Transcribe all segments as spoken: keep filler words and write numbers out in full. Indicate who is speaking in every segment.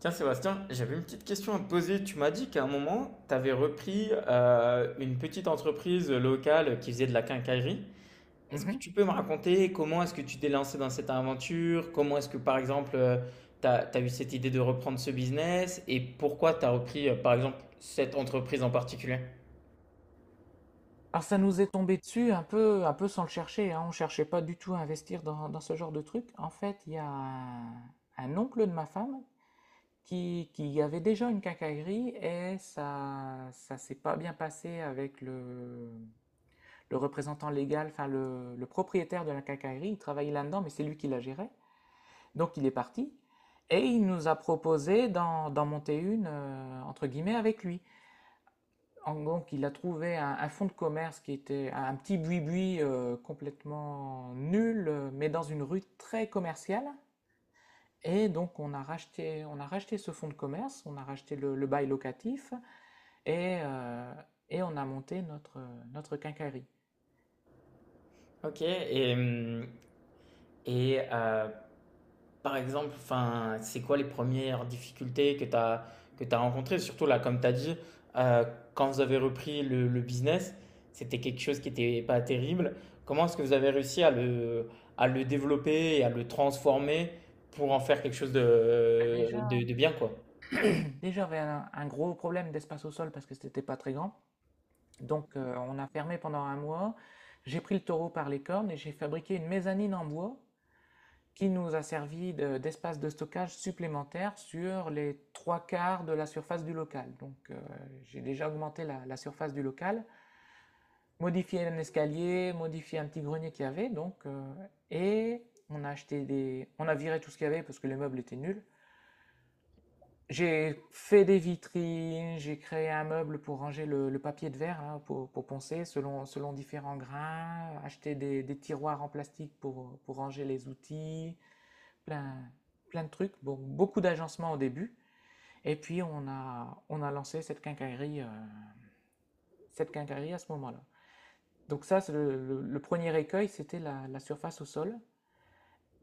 Speaker 1: Tiens Sébastien, j'avais une petite question à te poser. Tu m'as dit qu'à un moment, tu avais repris euh, une petite entreprise locale qui faisait de la quincaillerie. Est-ce que
Speaker 2: Mhm.
Speaker 1: tu peux me raconter comment est-ce que tu t'es lancé dans cette aventure? Comment est-ce que par exemple, tu as, eu cette idée de reprendre ce business et pourquoi tu as repris euh, par exemple cette entreprise en particulier?
Speaker 2: Alors ça nous est tombé dessus un peu, un peu sans le chercher, hein. On ne cherchait pas du tout à investir dans, dans ce genre de truc. En fait, il y a un, un oncle de ma femme qui, qui avait déjà une quincaillerie et ça, ça s'est pas bien passé avec le, le représentant légal, enfin le, le propriétaire de la quincaillerie. Il travaillait là-dedans, mais c'est lui qui la gérait. Donc il est parti et il nous a proposé d'en d'en monter une, euh, entre guillemets, avec lui. En gros, il a trouvé un, un fonds de commerce qui était un petit buis-buis euh, complètement nul, euh, mais dans une rue très commerciale. Et donc, on a racheté, on a racheté ce fonds de commerce, on a racheté le, le bail locatif et, euh, et on a monté notre, notre quincaillerie.
Speaker 1: Ok, et, hum, et euh, Par exemple, enfin, c'est quoi les premières difficultés que tu as, que tu as rencontrées? Surtout là, comme tu as dit, euh, quand vous avez repris le, le business, c'était quelque chose qui n'était pas terrible. Comment est-ce que vous avez réussi à le, à le développer et à le transformer pour en faire quelque chose
Speaker 2: Bah,
Speaker 1: de,
Speaker 2: déjà,
Speaker 1: de, de bien, quoi?
Speaker 2: déjà, j'avais un, un gros problème d'espace au sol parce que c'était pas très grand. Donc, euh, on a fermé pendant un mois. J'ai pris le taureau par les cornes et j'ai fabriqué une mezzanine en bois qui nous a servi de- d'espace de stockage supplémentaire sur les trois quarts de la surface du local. Donc euh, j'ai déjà augmenté la, la surface du local, modifié un escalier, modifié un petit grenier qu'il y avait, donc, euh, et on a acheté des... On a viré tout ce qu'il y avait parce que les meubles étaient nuls. J'ai fait des vitrines, j'ai créé un meuble pour ranger le, le papier de verre, hein, pour, pour poncer selon, selon différents grains, acheté des, des tiroirs en plastique pour, pour ranger les outils, plein, plein de trucs, bon, beaucoup d'agencements au début. Et puis, on a, on a lancé cette quincaillerie, euh, cette quincaillerie à ce moment-là. Donc ça, c'est le, le- le premier écueil, c'était la, la surface au sol.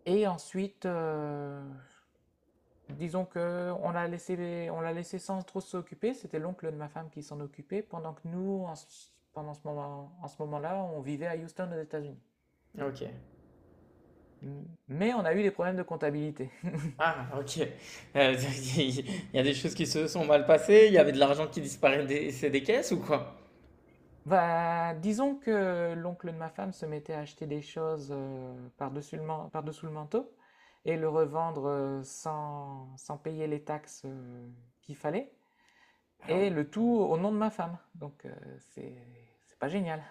Speaker 2: Et ensuite, euh, disons qu'on l'a laissé, on l'a laissé sans trop s'occuper. C'était l'oncle de ma femme qui s'en occupait, pendant que nous, en, pendant ce moment, en ce moment-là, on vivait à Houston, aux États-Unis.
Speaker 1: Ok.
Speaker 2: Mais on a eu des problèmes de comptabilité.
Speaker 1: Ah, ok. Euh, il y a des choses qui se sont mal passées, il y avait de l'argent qui disparaissait des, c'est des caisses ou quoi?
Speaker 2: Bah, disons que l'oncle de ma femme se mettait à acheter des choses euh, par-dessus le, man- par-dessous le manteau et le revendre euh, sans, sans payer les taxes euh, qu'il fallait,
Speaker 1: Ah oui.
Speaker 2: et le tout au nom de ma femme. Donc, euh, c'est, c'est pas génial.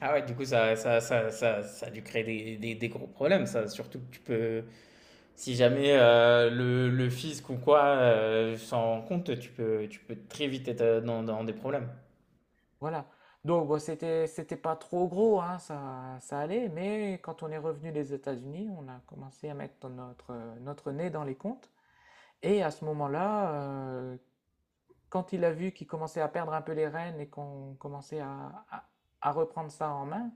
Speaker 1: Ah ouais, du coup, ça, ça, ça, ça, ça a dû créer des, des, des gros problèmes, ça. Surtout que tu peux, si jamais euh, le, le fisc ou quoi euh, s'en rend compte, tu peux, tu peux très vite être euh, dans, dans des problèmes.
Speaker 2: Voilà. Donc, bon, c'était, c'était pas trop gros, hein, ça, ça allait, mais quand on est revenu des États-Unis, on a commencé à mettre notre, notre nez dans les comptes. Et à ce moment-là, euh, quand il a vu qu'il commençait à perdre un peu les rênes et qu'on commençait à, à- à reprendre ça en main,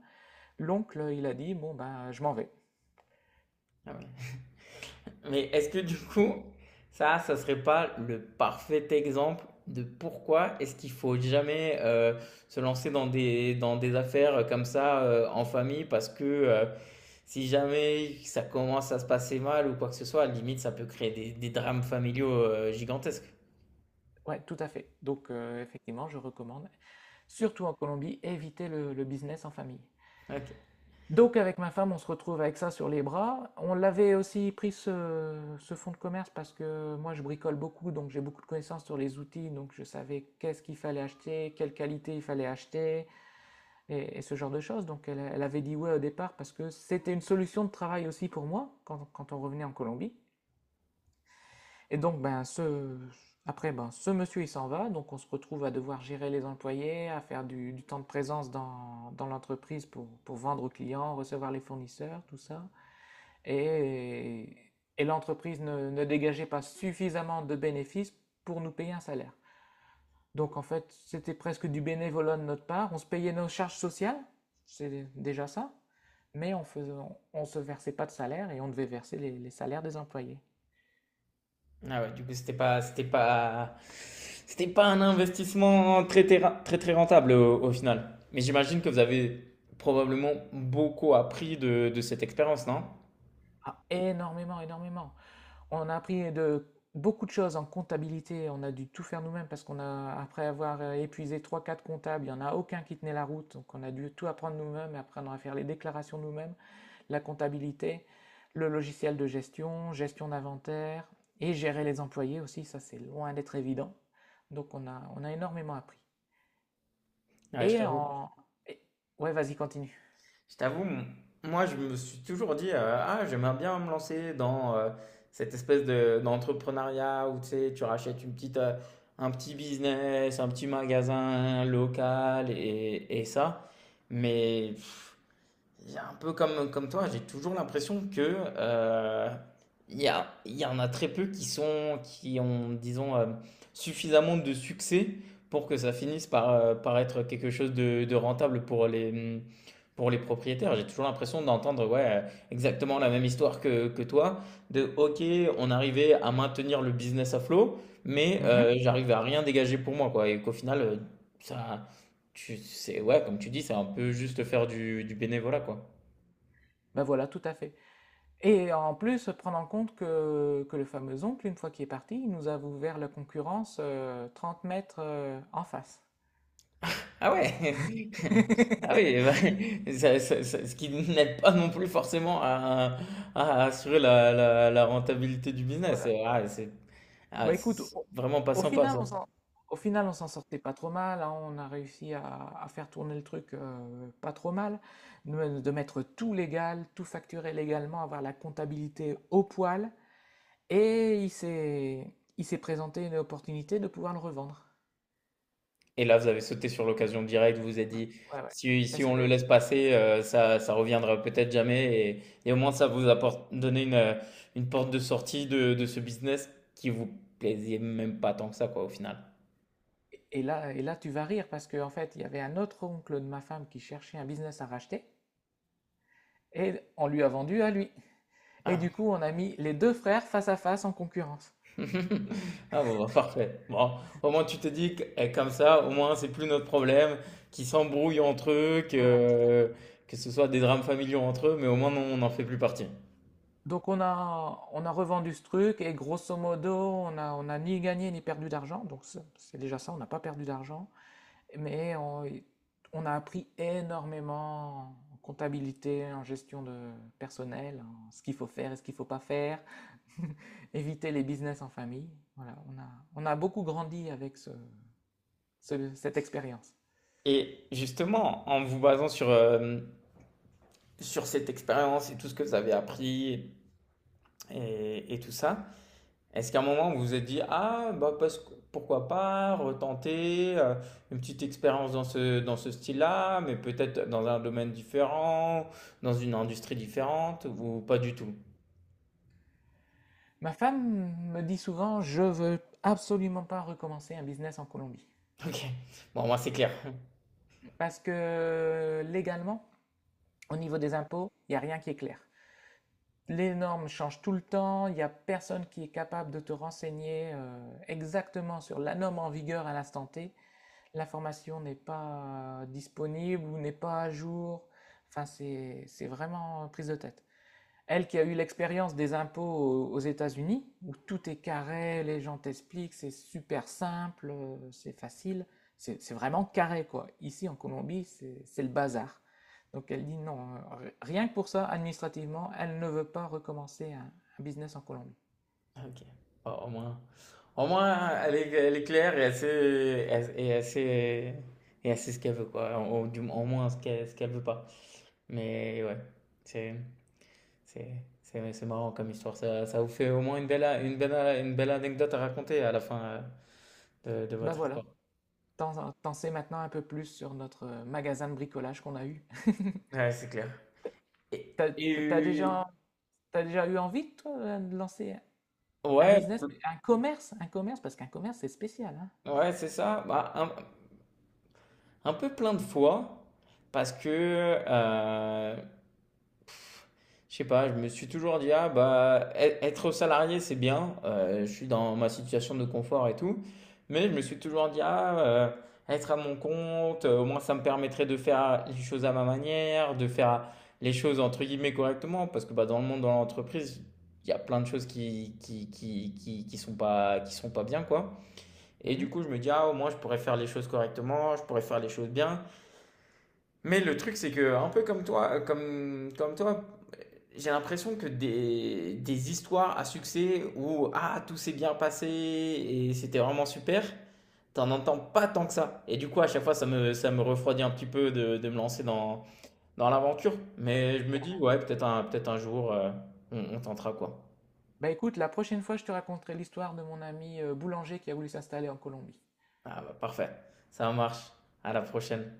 Speaker 2: l'oncle, il a dit, bon, ben, je m'en vais.
Speaker 1: Ah ouais. Mais est-ce que du coup, ça, ça serait pas le parfait exemple de pourquoi est-ce qu'il faut jamais euh, se lancer dans des, dans des affaires comme ça euh, en famille parce que euh, si jamais ça commence à se passer mal ou quoi que ce soit, à la limite, ça peut créer des, des drames familiaux euh, gigantesques.
Speaker 2: Ouais, tout à fait. Donc, euh, effectivement, je recommande, surtout en Colombie, éviter le, le business en famille.
Speaker 1: Ok.
Speaker 2: Donc, avec ma femme, on se retrouve avec ça sur les bras. On l'avait aussi pris ce, ce fonds de commerce parce que moi, je bricole beaucoup, donc j'ai beaucoup de connaissances sur les outils, donc je savais qu'est-ce qu'il fallait acheter, quelle qualité il fallait acheter, et, et ce genre de choses. Donc elle, elle avait dit ouais au départ parce que c'était une solution de travail aussi pour moi quand, quand on revenait en Colombie. Et donc ben ce après ben ce monsieur il s'en va, donc on se retrouve à devoir gérer les employés, à faire du, du temps de présence dans, dans l'entreprise pour, pour vendre aux clients, recevoir les fournisseurs, tout ça. Et, et l'entreprise ne, ne dégageait pas suffisamment de bénéfices pour nous payer un salaire. Donc en fait, c'était presque du bénévolat de notre part. On se payait nos charges sociales, c'est déjà ça, mais on faisait, on- se versait pas de salaire et on devait verser les, les salaires des employés.
Speaker 1: Ah ouais, du coup, c'était pas, c'était pas, c'était pas un investissement très, très, ra- très, très rentable au, au final. Mais j'imagine que vous avez probablement beaucoup appris de, de cette expérience, non?
Speaker 2: Ah, énormément, énormément. On a appris de beaucoup de choses en comptabilité. On a dû tout faire nous-mêmes parce qu'on a, après avoir euh, épuisé trois, quatre comptables, il n'y en a aucun qui tenait la route. Donc on a dû tout apprendre nous-mêmes, apprendre à faire les déclarations nous-mêmes. La comptabilité, le logiciel de gestion, gestion d'inventaire et gérer les employés aussi, ça c'est loin d'être évident. Donc on a, on a énormément appris.
Speaker 1: Ouais, je
Speaker 2: Et
Speaker 1: t'avoue
Speaker 2: en... et- Ouais, vas-y, continue.
Speaker 1: Je t'avoue, m- moi je me suis toujours dit euh, ah j'aimerais bien me lancer dans euh, cette espèce de d'entrepreneuriat où tu sais tu rachètes une petite euh, un petit business, un petit magasin local et, et ça. Mais pff, j'ai un peu comme, comme toi, j'ai toujours l'impression que euh, il y a, il y en a très peu qui sont, qui ont, disons, euh, suffisamment de succès pour que ça finisse par, euh, par être quelque chose de, de rentable pour les, pour les propriétaires. J'ai toujours l'impression d'entendre ouais, euh, exactement la même histoire que, que toi, de OK, on arrivait à maintenir le business à flot, mais
Speaker 2: Mhm.
Speaker 1: euh, j'arrive à rien dégager pour moi, quoi, et qu'au final, euh, ça, tu, c'est, ouais, comme tu dis, c'est un peu juste faire du, du bénévolat, quoi.
Speaker 2: Ben voilà, tout à fait. Et en plus, prendre en compte que, que le fameux oncle, une fois qu'il est parti, il nous a ouvert la concurrence euh, trente mètres euh, en face.
Speaker 1: Ah ouais! Ah oui, bah, ça ça ça ce qui n'aide pas non plus forcément à à assurer la la la rentabilité du business. Ah c'est ah
Speaker 2: Bah écoute,
Speaker 1: c'est
Speaker 2: au,
Speaker 1: vraiment pas
Speaker 2: au
Speaker 1: sympa
Speaker 2: final,
Speaker 1: ça.
Speaker 2: on s'en, au final, on s'en sortait pas trop mal, hein. On a réussi à, à faire tourner le truc euh, pas trop mal, de, de mettre tout légal, tout facturé légalement, avoir la comptabilité au poil. Et il s'est, il s'est présenté une opportunité de pouvoir le revendre.
Speaker 1: Et là, vous avez sauté sur l'occasion directe, vous vous êtes
Speaker 2: Ouais,
Speaker 1: dit:
Speaker 2: ouais, ouais.
Speaker 1: «Si si
Speaker 2: Parce
Speaker 1: on
Speaker 2: que,
Speaker 1: le laisse passer, heu, ça ça reviendra peut-être jamais» et et au moins ça vous apporte donné une, heu, une porte de sortie de de ce business qui vous plaisait même pas tant que ça quoi, au final.
Speaker 2: et là, et là, tu vas rire parce qu'en fait, il y avait un autre oncle de ma femme qui cherchait un business à racheter et on lui a vendu à lui. Et du
Speaker 1: Ah!
Speaker 2: coup, on a mis les deux frères face à face en concurrence.
Speaker 1: Ah bon, bah, parfait. Bon, au moins tu te dis que eh, comme ça, au moins c'est plus notre problème, qu'ils s'embrouillent entre eux,
Speaker 2: Voilà.
Speaker 1: que, que ce soit des drames familiaux entre eux, mais au moins non, on n'en fait plus partie.
Speaker 2: Donc on a, on a revendu ce truc et grosso modo, on n'a on a ni gagné ni perdu d'argent. Donc c'est c'est déjà ça, on n'a pas perdu d'argent. Mais on, on a appris énormément en comptabilité, en gestion de personnel, en ce qu'il faut faire et ce qu'il ne faut pas faire, éviter les business en famille. Voilà, on a, on a beaucoup grandi avec ce- ce- cette expérience.
Speaker 1: Et justement, en vous basant sur, euh, sur cette expérience et tout ce que vous avez appris et, et tout ça, est-ce qu'à un moment, vous vous êtes dit, ah, bah, parce que- pourquoi pas retenter euh, une petite expérience dans ce, dans ce style-là, mais peut-être dans un domaine différent, dans une industrie différente, ou pas du tout?
Speaker 2: Ma femme me dit souvent, je veux absolument pas recommencer un business en Colombie.
Speaker 1: Ok, bon, moi, c'est clair.
Speaker 2: Parce que légalement, au niveau des impôts, il n'y a rien qui est clair. Les normes changent tout le temps, il n'y a personne qui est capable de te renseigner euh, exactement sur la norme en vigueur à l'instant T. L'information n'est pas euh, disponible ou n'est pas à jour. Enfin, c'est c'est vraiment prise de tête. Elle qui a eu l'expérience des impôts aux États-Unis, où tout est carré, les gens t'expliquent, c'est super simple, euh, c'est facile, c'est c'est vraiment carré quoi. Ici en Colombie, c'est c'est le bazar. Donc elle dit non, euh, rien que pour ça, administrativement, elle ne veut pas recommencer un, un business en Colombie.
Speaker 1: Ok, bon, au moins, au moins elle est, elle est claire et assez, et assez, et assez ce qu'elle veut, quoi. Au, du- au moins ce qu'elle ce qu'elle veut pas. Mais ouais, c'est. C'est, c'est, c'est marrant comme histoire. Ça, ça vous fait au moins une belle, a- une belle, a- une belle anecdote à raconter à la fin euh, de, de
Speaker 2: Ben
Speaker 1: votre
Speaker 2: voilà,
Speaker 1: histoire.
Speaker 2: t'en t'en sais maintenant un peu plus sur notre euh, magasin de bricolage qu'on a eu.
Speaker 1: Ouais, c'est clair. Et,
Speaker 2: T'as, t'as
Speaker 1: et-
Speaker 2: déjà, t'as déjà eu envie, toi, de lancer un
Speaker 1: ouais,
Speaker 2: business, un commerce, un commerce, parce qu'un commerce, c'est spécial,
Speaker 1: ouais, c'est ça. Bah, un, un peu plein de fois, parce que euh, je sais pas, je me suis toujours dit, ah bah, e- être salarié, c'est bien, euh, je suis dans ma situation de confort et tout, mais je me
Speaker 2: hein.
Speaker 1: suis toujours dit, ah, euh, être à mon compte, euh, au moins ça me permettrait de faire les choses à ma manière, de faire les choses entre guillemets correctement, parce que bah, dans le monde, dans l'entreprise, il y a plein de choses qui, qui, qui, qui, qui sont pas, qui sont pas bien, quoi. Et
Speaker 2: Mhm.
Speaker 1: du coup, je me dis, ah, au moins je pourrais faire les choses correctement, je pourrais faire les choses bien. Mais le truc, c'est que, un peu comme toi, euh, comme, comme toi, j'ai l'impression que des, des histoires à succès où ah, tout s'est bien passé et c'était vraiment super, t'en entends pas tant que ça. Et du coup, à chaque fois, ça me, ça me refroidit un petit peu de, de me lancer dans, dans l'aventure. Mais je
Speaker 2: Et,
Speaker 1: me
Speaker 2: euh,
Speaker 1: dis, ouais, peut-être un, peut-être un jour, euh, on, on tentera quoi.
Speaker 2: bah écoute, la prochaine fois, je te raconterai l'histoire de mon ami euh, boulanger qui a voulu s'installer en Colombie.
Speaker 1: Ah bah parfait, ça marche. À la prochaine.